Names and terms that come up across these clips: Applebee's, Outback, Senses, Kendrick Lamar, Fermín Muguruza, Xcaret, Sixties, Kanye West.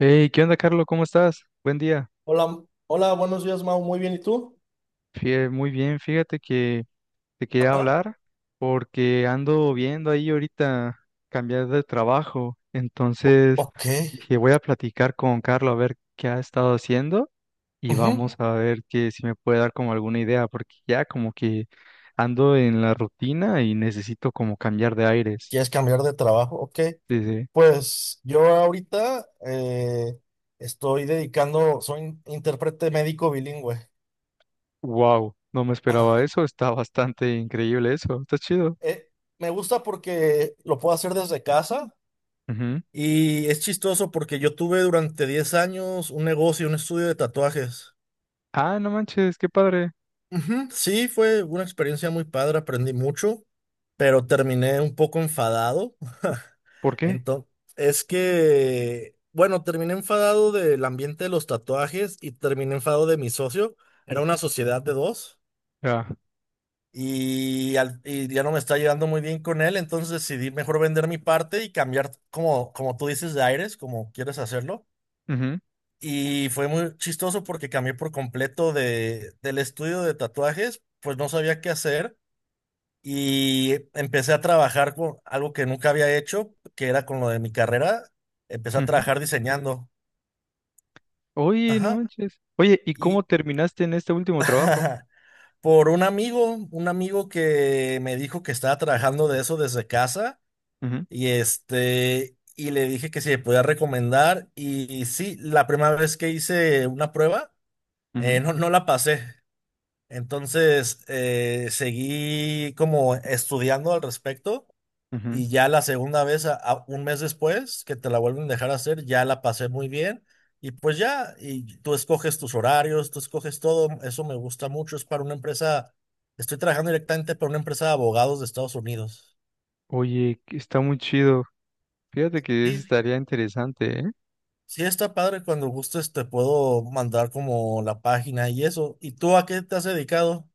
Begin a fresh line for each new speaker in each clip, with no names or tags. Hey, ¿qué onda, Carlos? ¿Cómo estás? Buen día.
Hola, hola, buenos días, Mau. Muy bien, ¿y tú?
Muy bien, fíjate que te quería
Ajá,
hablar porque ando viendo ahí ahorita cambiar de trabajo. Entonces
ok.
dije, voy a platicar con Carlos a ver qué ha estado haciendo y
Ujú.
vamos a ver que si me puede dar como alguna idea, porque ya como que ando en la rutina y necesito como cambiar de aires.
¿Quieres cambiar de trabajo? Ok.
Dice,
Pues yo ahorita estoy dedicando, soy intérprete médico bilingüe.
wow, no me esperaba
Ah,
eso, está bastante increíble eso, está chido.
eh, me gusta porque lo puedo hacer desde casa
Ujú.
y es chistoso porque yo tuve durante 10 años un negocio, un estudio de tatuajes.
Ah, no manches, qué padre.
Ujú. Sí, fue una experiencia muy padre, aprendí mucho, pero terminé un poco enfadado.
¿Por qué?
Entonces, es que, bueno, terminé enfadado del ambiente de los tatuajes y terminé enfadado de mi socio. Era una sociedad de dos
Ah,
y ya no me está llevando muy bien con él, entonces decidí mejor vender mi parte y cambiar, como, como tú dices, de aires, como quieres hacerlo.
ujú,
Y fue muy chistoso porque cambié por completo de, del estudio de tatuajes, pues no sabía qué hacer y empecé a trabajar con algo que nunca había hecho, que era con lo de mi carrera. Empecé a
ujú.
trabajar diseñando.
Oye, no
Ajá.
manches. Oye, ¿y cómo
Y
terminaste en este último trabajo?
por un amigo que me dijo que estaba trabajando de eso desde casa
Ujú,
y este y le dije que si me podía recomendar y sí, la primera vez que hice una prueba,
ujú,
no la pasé. Entonces seguí como estudiando al respecto.
ujú.
Y ya la segunda vez, un mes después, que te la vuelven a dejar hacer, ya la pasé muy bien. Y pues ya, y tú escoges tus horarios, tú escoges todo. Eso me gusta mucho. Es para una empresa, estoy trabajando directamente para una empresa de abogados de Estados Unidos.
Oye, que está muy chido. Fíjate que eso
Sí,
estaría interesante, ¿eh?
sí está padre. Cuando gustes te puedo mandar como la página y eso. ¿Y tú a qué te has dedicado?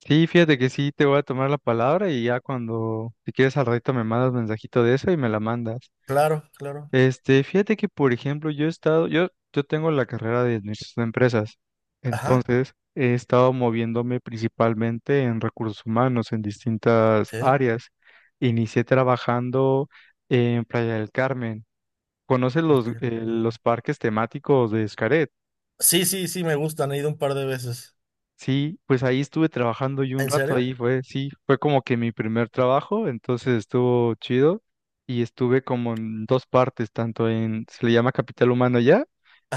Sí, fíjate que sí, te voy a tomar la palabra y ya cuando, si quieres al ratito me mandas mensajito de eso y me la mandas.
Claro, claro.
Este, fíjate que, por ejemplo, yo he estado, yo tengo la carrera de administración de empresas,
Ajá,
entonces he estado moviéndome principalmente en recursos humanos, en distintas
ok.
áreas. Inicié trabajando en Playa del Carmen. ¿Conoces los parques temáticos de Xcaret?
Sí, sí, sí, me gustan. He ido un par de veces.
Sí, pues ahí estuve trabajando y un
¿En
rato
serio?
ahí fue, sí, fue como que mi primer trabajo, entonces estuvo chido y estuve como en dos partes, tanto en, se le llama capital humano ya,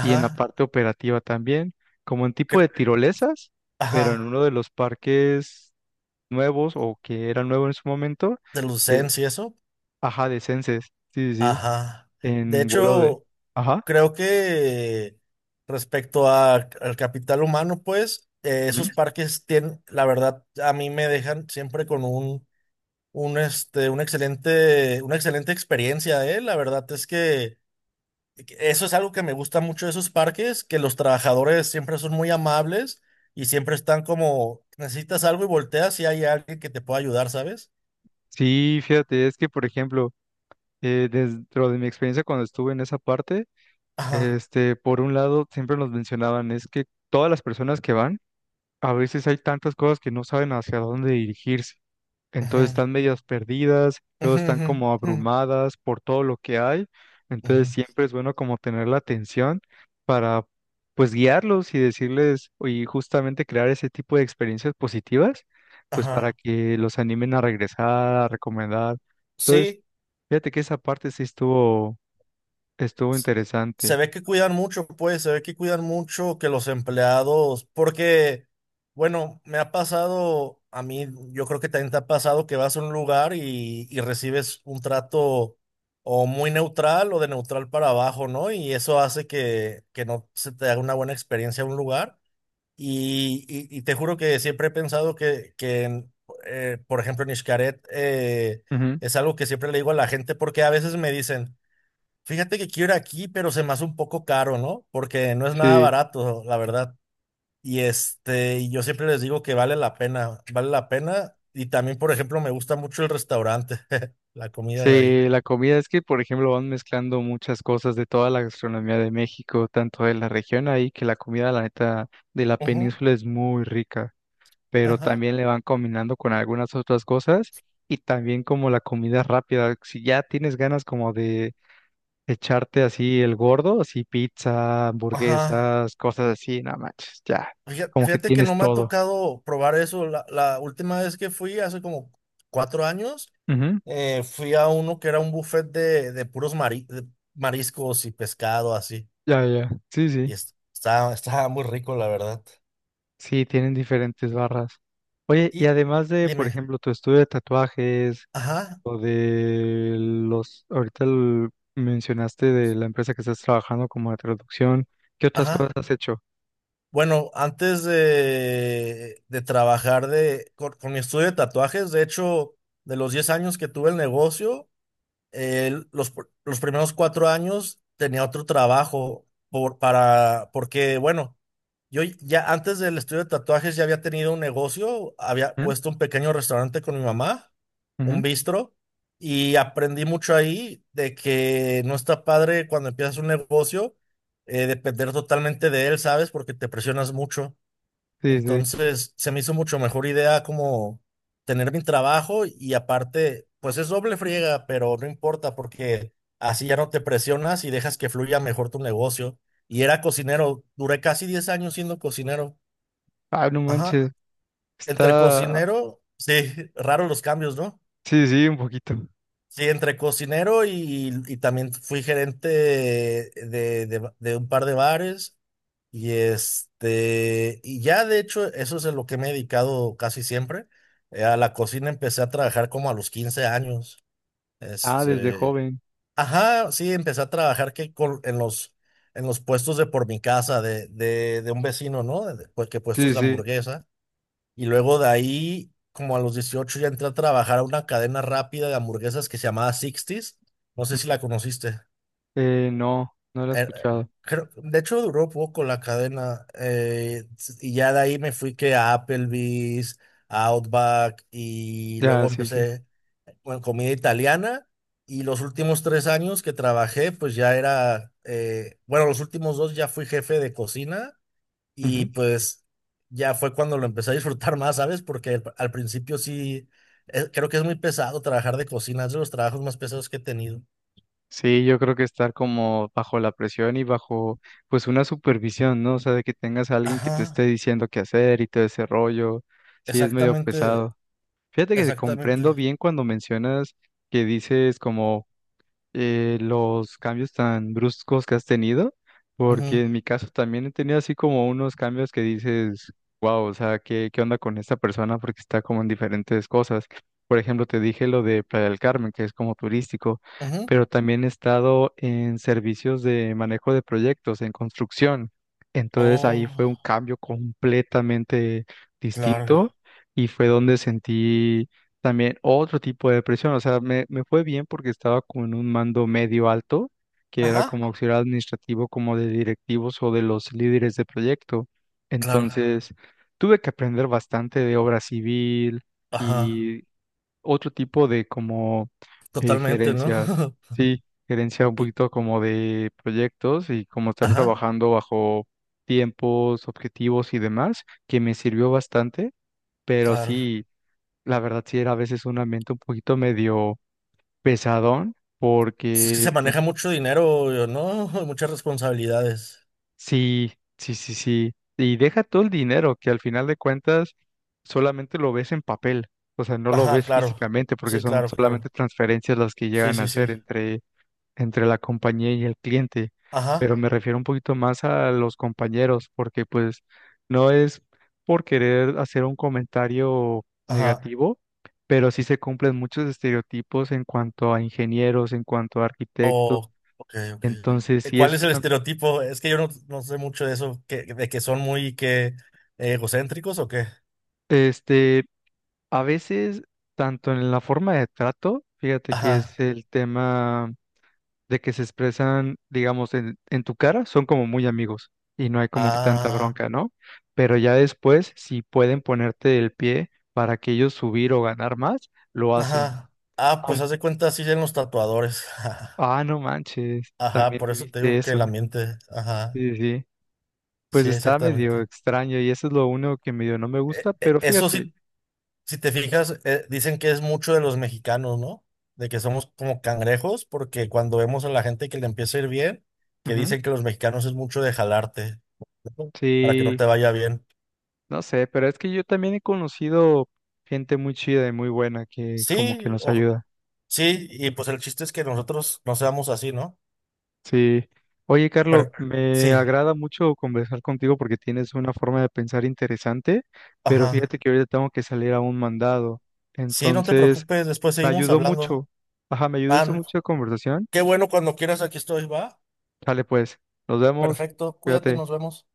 y en la parte operativa también, como en tipo
cre-
de tirolesas, pero en
Ajá.
uno de los parques nuevos o que era nuevo en su momento,
De
que,
Lucens y eso.
ajá, de Senses, sí, sí, sí,
Ajá. De
en vuelo de,
hecho,
ajá.
creo que respecto al capital humano, pues, esos
Ujú.
parques tienen, la verdad, a mí me dejan siempre con un, este, un excelente, una excelente experiencia, ¿eh? La verdad es que eso es algo que me gusta mucho de esos parques, que los trabajadores siempre son muy amables y siempre están como, necesitas algo y volteas y hay alguien que te pueda ayudar, ¿sabes?
Sí, fíjate, es que por ejemplo, dentro de mi experiencia cuando estuve en esa parte,
Ajá.
este, por un lado, siempre nos mencionaban, es que todas las personas que van, a veces hay tantas cosas que no saben hacia dónde dirigirse.
Ujú,
Entonces están medias perdidas, luego
ujú,
están
ujú,
como
ujú,
abrumadas por todo lo que hay. Entonces
ujú.
siempre es bueno como tener la atención para pues guiarlos y decirles y justamente crear ese tipo de experiencias positivas, pues para
Ajá.
que los animen a regresar, a recomendar. Entonces,
Sí,
fíjate que esa parte estuvo
s-
interesante.
se ve que cuidan mucho, pues, se ve que cuidan mucho que los empleados, porque, bueno, me ha pasado, a mí, yo creo que también te ha pasado que vas a un lugar y recibes un trato o muy neutral o de neutral para abajo, ¿no? Y eso hace que no se te haga una buena experiencia a un lugar. Y te juro que siempre he pensado que en, por ejemplo, en Xcaret,
Ujú.
es algo que siempre le digo a la gente porque a veces me dicen, fíjate que quiero ir aquí, pero se me hace un poco caro, ¿no? Porque no es nada
Sí.
barato, la verdad. Y este, y yo siempre les digo que vale la pena, vale la pena. Y también, por ejemplo, me gusta mucho el restaurante, la comida de ahí.
Sí, la comida es que, por ejemplo, van mezclando muchas cosas de toda la gastronomía de México, tanto de la región ahí, que la comida, la neta, de la
Ujú,
península es muy rica, pero
ajá,
también le van combinando con algunas otras cosas y también como la comida rápida. Si ya tienes ganas como de echarte así el gordo, así pizza,
ajá.
hamburguesas, cosas así, no manches, ya,
Fíjate,
como que
fíjate que
tienes
no me ha
todo.
tocado probar eso. La última vez que fui, hace como 4 años,
Ujú.
fui a uno que era un buffet de puros de mariscos y pescado, así.
Ya, ya, sí,
Y
sí.
estaba muy rico, la verdad.
Sí, tienen diferentes barras. Oye, y
Y
además de, por
dime,
ejemplo, tu estudio de tatuajes
ajá,
o de los, mencionaste de la empresa que estás trabajando como de traducción, ¿qué otras cosas
ajá.
has hecho?
Bueno, antes de trabajar con mi estudio de tatuajes, de hecho, de los 10 años que tuve el negocio, los primeros 4 años tenía otro trabajo porque, bueno, yo ya antes del estudio de tatuajes ya había tenido un negocio, había
¿Mm?
puesto un pequeño restaurante con mi mamá,
Ujú.
un bistro, y aprendí mucho ahí de que no está padre cuando empiezas un negocio, depender totalmente de él, ¿sabes? Porque te presionas mucho.
Sí, sí.
Entonces, se me hizo mucho mejor idea como tener mi trabajo y aparte, pues es doble friega, pero no importa porque así ya no te presionas y dejas que fluya mejor tu negocio. Y era cocinero, duré casi 10 años siendo cocinero.
Ah, no
Ajá,
manches.
entre
Está,
cocinero, sí, raros los cambios, ¿no?
sí, sí, un poquito.
Sí, entre cocinero y también fui gerente de un par de bares. Y este, y ya de hecho, eso es a lo que me he dedicado casi siempre. A la cocina empecé a trabajar como a los 15 años.
Ah, desde
Este,
joven.
ajá, sí, empecé a trabajar en los puestos de por mi casa, de un vecino, ¿no? Pues, que puestos
Sí,
de
sí.
hamburguesa. Y luego de ahí, como a los 18 ya entré a trabajar a una cadena rápida de hamburguesas que se llamaba Sixties. No sé si
Ujú.
la conociste.
No, no lo he
Eh,
escuchado.
de hecho, duró poco la cadena. Y ya de ahí me fui que a Applebee's, a Outback, y luego
Ya, sí, sí.
empecé con comida italiana. Y los últimos 3 años que trabajé, pues ya era, bueno, los últimos dos ya fui jefe de cocina y pues ya fue cuando lo empecé a disfrutar más, ¿sabes? Porque al principio sí, creo que es muy pesado trabajar de cocina, es de los trabajos más pesados que he tenido.
Sí, yo creo que estar como bajo la presión y bajo pues una supervisión, ¿no? O sea, de que tengas a alguien que te esté
Ajá.
diciendo qué hacer y todo ese rollo, sí es medio
Exactamente.
pesado. Fíjate que te
Exactamente.
comprendo bien cuando mencionas que dices como los cambios tan bruscos que has tenido,
Ujú,
porque en mi caso también he tenido así como unos cambios que dices, wow, o sea, ¿qué onda con esta persona? Porque está como en diferentes cosas. Por ejemplo, te dije lo de Playa del Carmen, que es como turístico,
ujú.
pero también he estado en servicios de manejo de proyectos, en construcción. Entonces ahí fue un
Oh,
cambio completamente
claro.
distinto y fue donde sentí también otro tipo de depresión, o sea, me fue bien porque estaba con un mando medio alto, que era
Ajá.
como auxiliar administrativo, como de directivos o de los líderes de proyecto.
Claro,
Entonces, tuve que aprender bastante de obra civil
ajá,
y otro tipo de como
totalmente, ¿no?
gerencias, sí, gerencia un
Y-
poquito como de proyectos y como estar
ajá,
trabajando bajo tiempos, objetivos y demás, que me sirvió bastante, pero
claro.
sí. La verdad sí era a veces un ambiente un poquito medio pesadón,
Pues es que
porque
se maneja
pues
mucho dinero, ¿no? Muchas responsabilidades.
sí, sí, sí, sí. Y deja todo el dinero, que al final de cuentas solamente lo ves en papel, o sea, no lo
Ajá,
ves
claro.
físicamente, porque
Sí,
son
claro,
solamente
claro.
transferencias las que
Sí,
llegan a
sí, sí.
hacer entre la compañía y el cliente,
Ajá,
pero me refiero un poquito más a los compañeros, porque pues no es por querer hacer un comentario
ajá.
negativo, pero sí se cumplen muchos estereotipos en cuanto a ingenieros, en cuanto a arquitectos,
Oh, ok, ok.
entonces
¿Cuál es el estereotipo? Es que yo no, no sé mucho de eso, que, de que son muy que egocéntricos o qué.
este, a veces, tanto en la forma de trato, fíjate que es
Ajá.
el tema de que se expresan, digamos, en tu cara, son como muy amigos y no hay como que tanta Ah,
Ah.
bronca, ¿no? Pero ya después, si pueden ponerte el pie para que ellos subir o ganar más, lo hacen.
Ajá. Ah, pues
Aun-
haz de cuenta, así en los tatuadores.
ah, no manches,
Ajá,
también
por eso te
viviste
digo que el
eso.
ambiente. Ajá,
Sí, sí. Sí. Pues
sí,
está medio
exactamente.
extraño y eso es lo único que medio no me
E-
gusta,
e-
pero
Eso
fíjate.
sí, si te fijas, dicen que es mucho de los mexicanos, ¿no? De que somos como cangrejos, porque cuando vemos a la gente que le empieza a ir bien, que
Ujú.
dicen que los mexicanos es mucho de jalarte, ¿no? Para que no
Sí,
te vaya bien.
no sé, pero es que yo también he conocido gente muy chida y muy buena que como que
Sí,
nos
o,
ayuda.
sí, y pues el chiste es que nosotros no seamos así, ¿no?
Sí. Oye, Carlos,
Pero
me
sí,
agrada mucho conversar contigo porque tienes una forma de pensar interesante, pero
ajá.
fíjate que ahorita tengo que salir a un mandado.
Sí, no te
Entonces,
preocupes, después
me
seguimos
ayudó
hablando.
mucho. Ajá, me ayudó esto
Ah,
mucho la conversación.
qué bueno, cuando quieras, aquí estoy, va.
Dale, pues, nos vemos.
Perfecto, cuídate,
Cuídate.
nos vemos.